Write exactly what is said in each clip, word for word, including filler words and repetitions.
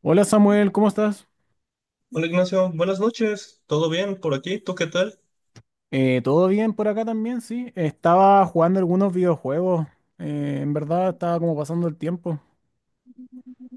Hola Samuel, ¿cómo estás? Hola Ignacio, buenas noches. ¿Todo bien por aquí? ¿Tú qué tal? Eh, ¿todo bien por acá también? Sí, estaba jugando algunos videojuegos. Eh, en verdad estaba como pasando el tiempo.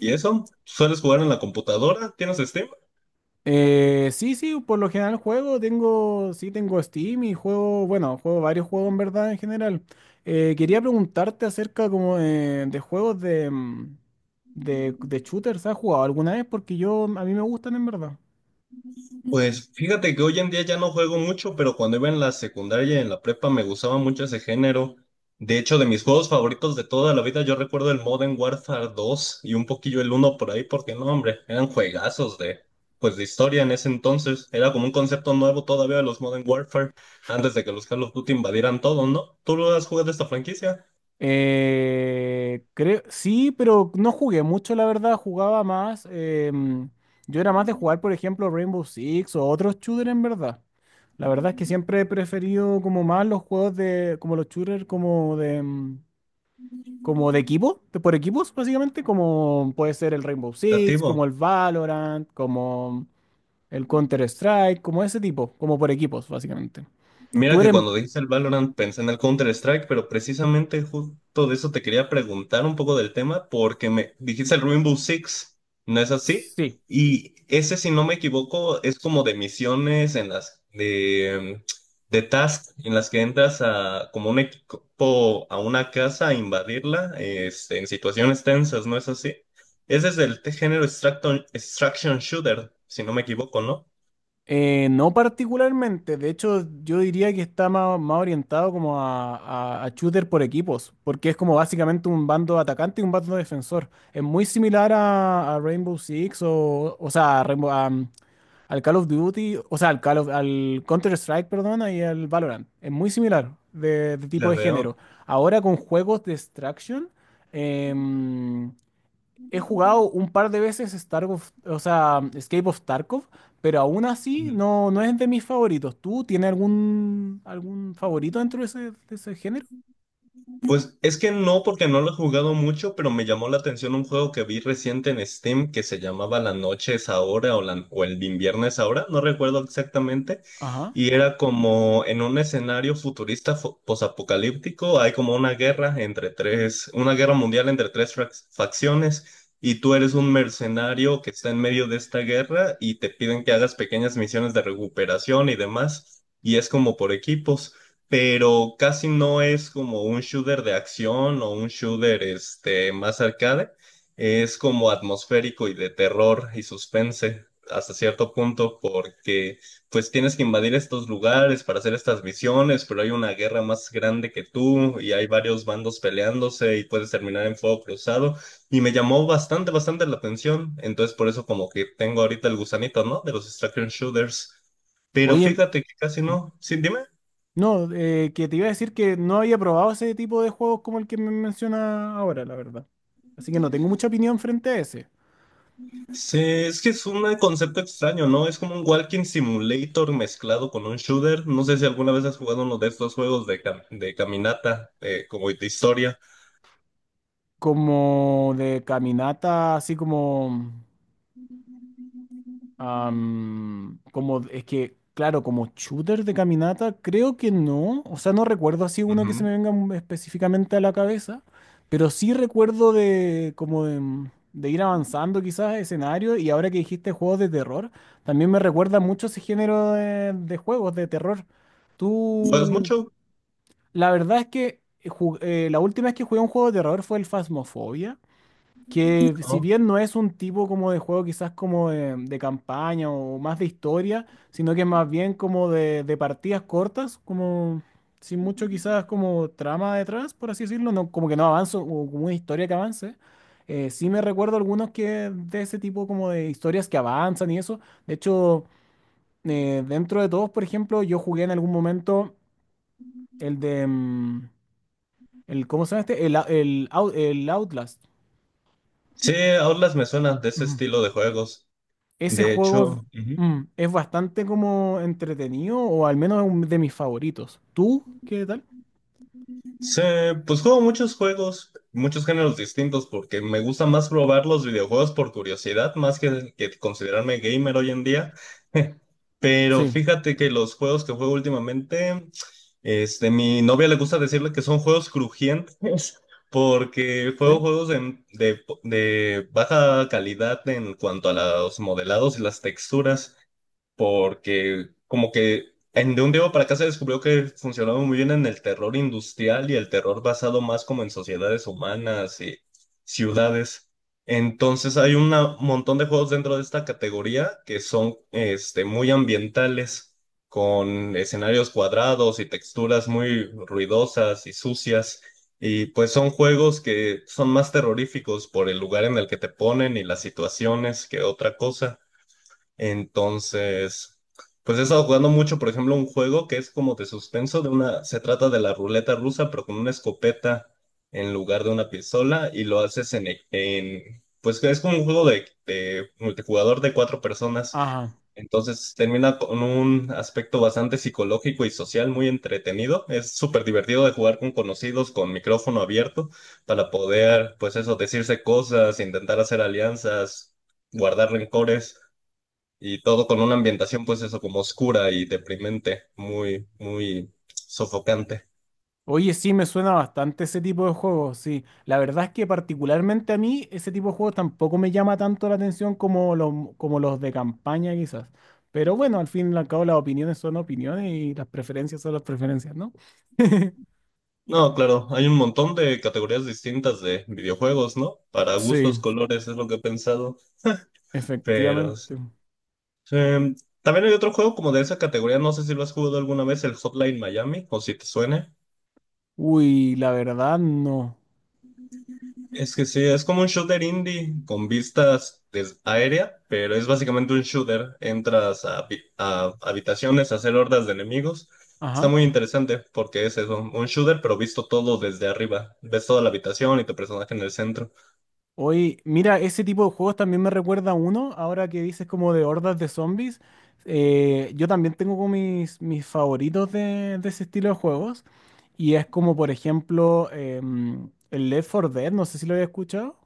¿Y eso? ¿Sueles jugar en la computadora? ¿Tienes Steam? Eh, sí, sí, por lo general juego, tengo, sí, tengo Steam y juego, bueno, juego varios juegos en verdad en general. Eh, quería preguntarte acerca como eh, de juegos de, mm, de, de shooters, ¿has jugado alguna vez? Porque yo, a mí me gustan en verdad. Pues fíjate que hoy en día ya no juego mucho, pero cuando iba en la secundaria y en la prepa me gustaba mucho ese género. De hecho, de mis juegos favoritos de toda la vida, yo recuerdo el Modern Warfare dos y un poquillo el uno por ahí, porque no, hombre, eran juegazos de, pues, de historia en ese entonces. Era como un concepto nuevo todavía de los Modern Warfare, antes de que los Call of Duty invadieran todo, ¿no? ¿Tú lo has jugado esta franquicia? Eh, creo, sí, pero no jugué mucho, la verdad. Jugaba más. Em, yo era más de jugar, por ejemplo, Rainbow Six o otros shooters, en verdad. La verdad es que siempre he preferido como más los juegos de, como los shooters, como de, em, como de equipo, de por equipos, básicamente, como puede ser el Rainbow Six, Relativo. como el Valorant, como el Counter Strike, como ese tipo, como por equipos, básicamente. Mira Tú que eres, cuando dijiste el Valorant pensé en el Counter-Strike, pero precisamente justo de eso te quería preguntar un poco del tema, porque me dijiste el Rainbow Six, ¿no es así? sí. Y ese, si no me equivoco, es como de misiones en las de, de tasks en las que entras a como un equipo a una casa a invadirla, este, en situaciones tensas, ¿no es así? Ese es del t- género extraction, extraction shooter, si no me equivoco, ¿no? Eh, no particularmente, de hecho yo diría que está más, más orientado como a, a- a shooter por equipos, porque es como básicamente un bando atacante y un bando defensor. Es muy similar a, a Rainbow Six o, o sea, a Rainbow- a, um, al Call of Duty, o sea, al Call of- al Counter-Strike, perdón, y al Valorant. Es muy similar de, de tipo La de veo. género. Ahora con juegos de extraction, em, he jugado un par de veces Starkov, o sea, Escape of Tarkov, pero aún así no, no es de mis favoritos. ¿Tú tienes algún, algún favorito dentro de ese, de ese género? Pues es que no, porque no lo he jugado mucho, pero me llamó la atención un juego que vi reciente en Steam que se llamaba La noche es ahora o, la- o el invierno es ahora, no recuerdo exactamente. Ajá. Y era como en un escenario futurista fo- posapocalíptico, hay como una guerra entre tres, una guerra mundial entre tres frac- facciones, y tú eres un mercenario que está en medio de esta guerra y te piden que hagas pequeñas misiones de recuperación y demás, y es como por equipos pero casi no es como un shooter de acción o un shooter este, más arcade, es como atmosférico y de terror y suspense hasta cierto punto porque pues tienes que invadir estos lugares para hacer estas misiones, pero hay una guerra más grande que tú y hay varios bandos peleándose y puedes terminar en fuego cruzado y me llamó bastante, bastante la atención, entonces por eso como que tengo ahorita el gusanito, ¿no? De los extraction shooters, pero Oye, fíjate que casi no, sí, dime. no, eh, que te iba a decir que no había probado ese tipo de juegos como el que me menciona ahora, la verdad. Así que no tengo mucha opinión frente a ese. Sí, es que es un concepto extraño, ¿no? Es como un walking simulator mezclado con un shooter. No sé si alguna vez has jugado uno de estos juegos de, cam- de caminata, eh, como de historia. Como de caminata, así como... Am, como es que, claro, como shooter de caminata, creo que no. O sea, no recuerdo así uno que se Ujú. me venga mm, específicamente a la cabeza, pero sí recuerdo de como de, mm, de ir avanzando quizás escenario y ahora que dijiste juegos de terror, también me recuerda mucho ese género de, de juegos de terror. Pues Tú, mucho, la verdad es que eh, ju- eh, la última vez que jugué un juego de terror fue el Phasmophobia que si ¿no? bien no es un tipo como de juego quizás como de, de campaña o más de historia, sino que es más bien como de, de partidas cortas, como sin mucho quizás como trama detrás, por así decirlo, no, como que no avanzo, o como una historia que avance. Eh, sí me recuerdo algunos que de ese tipo como de historias que avanzan y eso. De hecho, eh, dentro de todos, por ejemplo, yo jugué en algún momento el de... mm, el, ¿cómo se llama este? El, Ou- el, Ou- el Outlast. Sí, Outlast me suena de ese Ujú. estilo de juegos. Ese De juego hecho, es, ujú. mm, es bastante como entretenido, o al menos es un de mis favoritos. ¿Tú qué tal? Sí, pues juego muchos juegos, muchos géneros distintos, porque me gusta más probar los videojuegos por curiosidad, más que, que considerarme gamer hoy en día. Pero Sí, fíjate que los juegos que juego últimamente, este, mi novia le gusta decirle que son juegos crujientes, porque juego sí. juegos de, de de baja calidad en cuanto a los modelados y las texturas porque como que en, de un día para acá se descubrió que funcionaba muy bien en el terror industrial y el terror basado más como en sociedades humanas y ciudades. Entonces hay un montón de juegos dentro de esta categoría que son este, muy ambientales, con escenarios cuadrados y texturas muy ruidosas y sucias. Y pues son juegos que son más terroríficos por el lugar en el que te ponen y las situaciones que otra cosa. Entonces, pues he estado jugando mucho, por ejemplo, un juego que es como de suspenso, de una, se trata de la ruleta rusa, pero con una escopeta en lugar de una pistola, y lo haces en, e- en pues es como un juego de, de multijugador de cuatro personas. Ajá. Entonces termina con un aspecto bastante psicológico y social muy entretenido. Es súper divertido de jugar con conocidos, con micrófono abierto, para poder, pues eso, decirse cosas, intentar hacer alianzas, guardar rencores. Y todo con una ambientación, pues eso, como oscura y deprimente, muy, muy sofocante. Oye, sí, me suena bastante ese tipo de juegos, sí. La verdad es que particularmente a mí ese tipo de juegos tampoco me llama tanto la atención como los, como los de campaña quizás. Pero bueno, al fin y al cabo las opiniones son opiniones y las preferencias son las preferencias, ¿no? No, claro, hay un montón de categorías distintas de videojuegos, ¿no? Para Sí, gustos, colores, es lo que he pensado, pero sí. efectivamente. Sí, también hay otro juego como de esa categoría, no sé si lo has jugado alguna vez, el Hotline Miami, o si te suene. Uy, la verdad no. Es que sí, es como un shooter indie con vistas des- aérea, pero es básicamente un shooter. Entras a, habi- a habitaciones a hacer hordas de enemigos. Está Ajá. muy interesante porque es eso, un shooter, pero visto todo desde arriba. Ves toda la habitación y tu personaje en el centro. Oye, mira, ese tipo de juegos también me recuerda a uno, ahora que dices como de hordas de zombies. Eh, yo también tengo como mis, mis favoritos de, de ese estilo de juegos. Y es como, por ejemplo, em, el Left four Dead, no sé si lo había escuchado.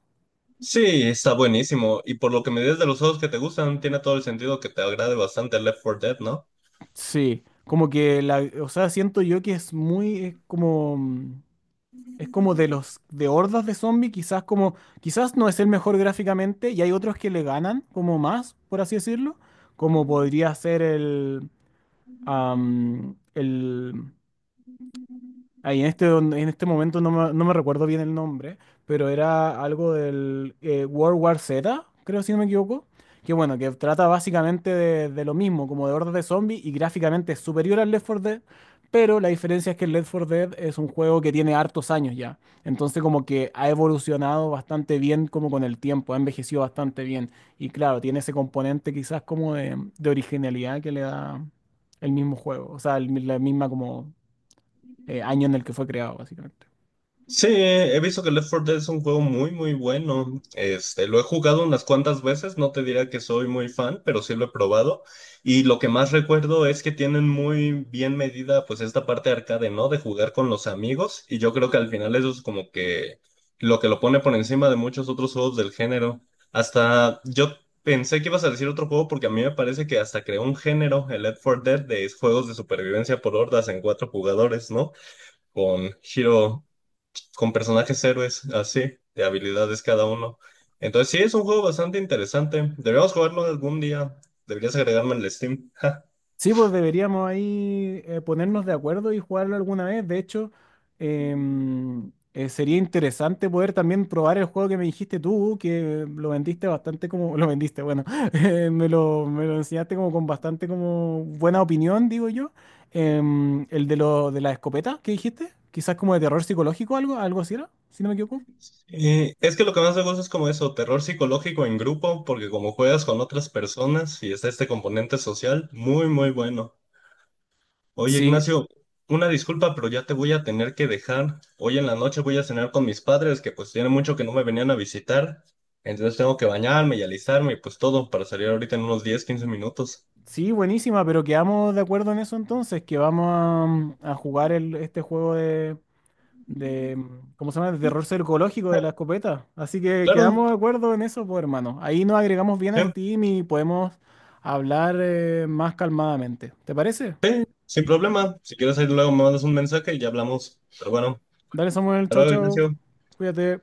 Sí, está buenísimo. Y por lo que me dices de los juegos que te gustan, tiene todo el sentido que te agrade bastante Left four Dead, ¿no? Sí, como que la, o sea, siento yo que es muy, es como, mm, es como de los, de hordas de zombies, quizás como, quizás no es el mejor gráficamente y hay otros que le ganan como más, por así decirlo, como podría ser el, am, el, ahí en este, en este momento no me, no me recuerdo bien el nombre, pero era algo del eh, World War Z, creo si no me equivoco, que bueno, que trata básicamente de, de lo mismo, como de hordas de zombies y gráficamente es superior al Left four Dead, pero la diferencia es que el Left four Dead es un juego que tiene hartos años ya, entonces como que ha evolucionado bastante bien como con el tiempo, ha envejecido bastante bien y claro, tiene ese componente quizás como de, de originalidad que le da el mismo juego, o sea, el- la misma como eh, año en el que fue creado, básicamente. Sí, he visto que Left four Dead es un juego muy, muy bueno. Este, lo he jugado unas cuantas veces, no te diría que soy muy fan, pero sí lo he probado. Y lo que más recuerdo es que tienen muy bien medida, pues, esta parte arcade, ¿no? De jugar con los amigos. Y yo creo que al final eso es como que lo que lo pone por encima de muchos otros juegos del género. Hasta yo pensé que ibas a decir otro juego porque a mí me parece que hasta creó un género, el Left four Dead, de juegos de supervivencia por hordas en cuatro jugadores, ¿no? Con Hero con personajes héroes, así, de habilidades cada uno. Entonces sí, es un juego bastante interesante. Deberíamos jugarlo algún día. Deberías agregarme en el Steam. Ja. Sí, pues deberíamos ahí eh, ponernos de acuerdo y jugarlo alguna vez. De hecho, em, eh, sería interesante poder también probar el juego que me dijiste tú, que lo vendiste bastante como, lo vendiste, bueno, eh, me lo, me lo enseñaste como con bastante como buena opinión, digo yo. Em, el de lo, de la escopeta que dijiste, quizás como de terror psicológico, algo, algo así era, si no me equivoco. Y es que lo que más me gusta es como eso, terror psicológico en grupo, porque como juegas con otras personas y está este componente social, muy, muy bueno. Oye, Sí, Ignacio, una disculpa, pero ya te voy a tener que dejar. Hoy en la noche voy a cenar con mis padres, que pues tiene mucho que no me venían a visitar. Entonces tengo que bañarme y alistarme y pues todo para salir ahorita en unos diez quince minutos. sí, buenísima, pero quedamos de acuerdo en eso entonces, que vamos a, mm, a jugar el, este juego de, de, mm, ¿cómo se llama? De terror psicológico de la escopeta. Así que Claro, quedamos de acuerdo en eso, pues hermano. Ahí nos agregamos bien sí, a Steam y podemos hablar eh, más calmadamente. ¿Te parece? sin problema. Si quieres, ahí luego me mandas un mensaje y ya hablamos. Pero bueno, Dale, Samuel, hasta chau, luego, chau. Ignacio. Cuídate.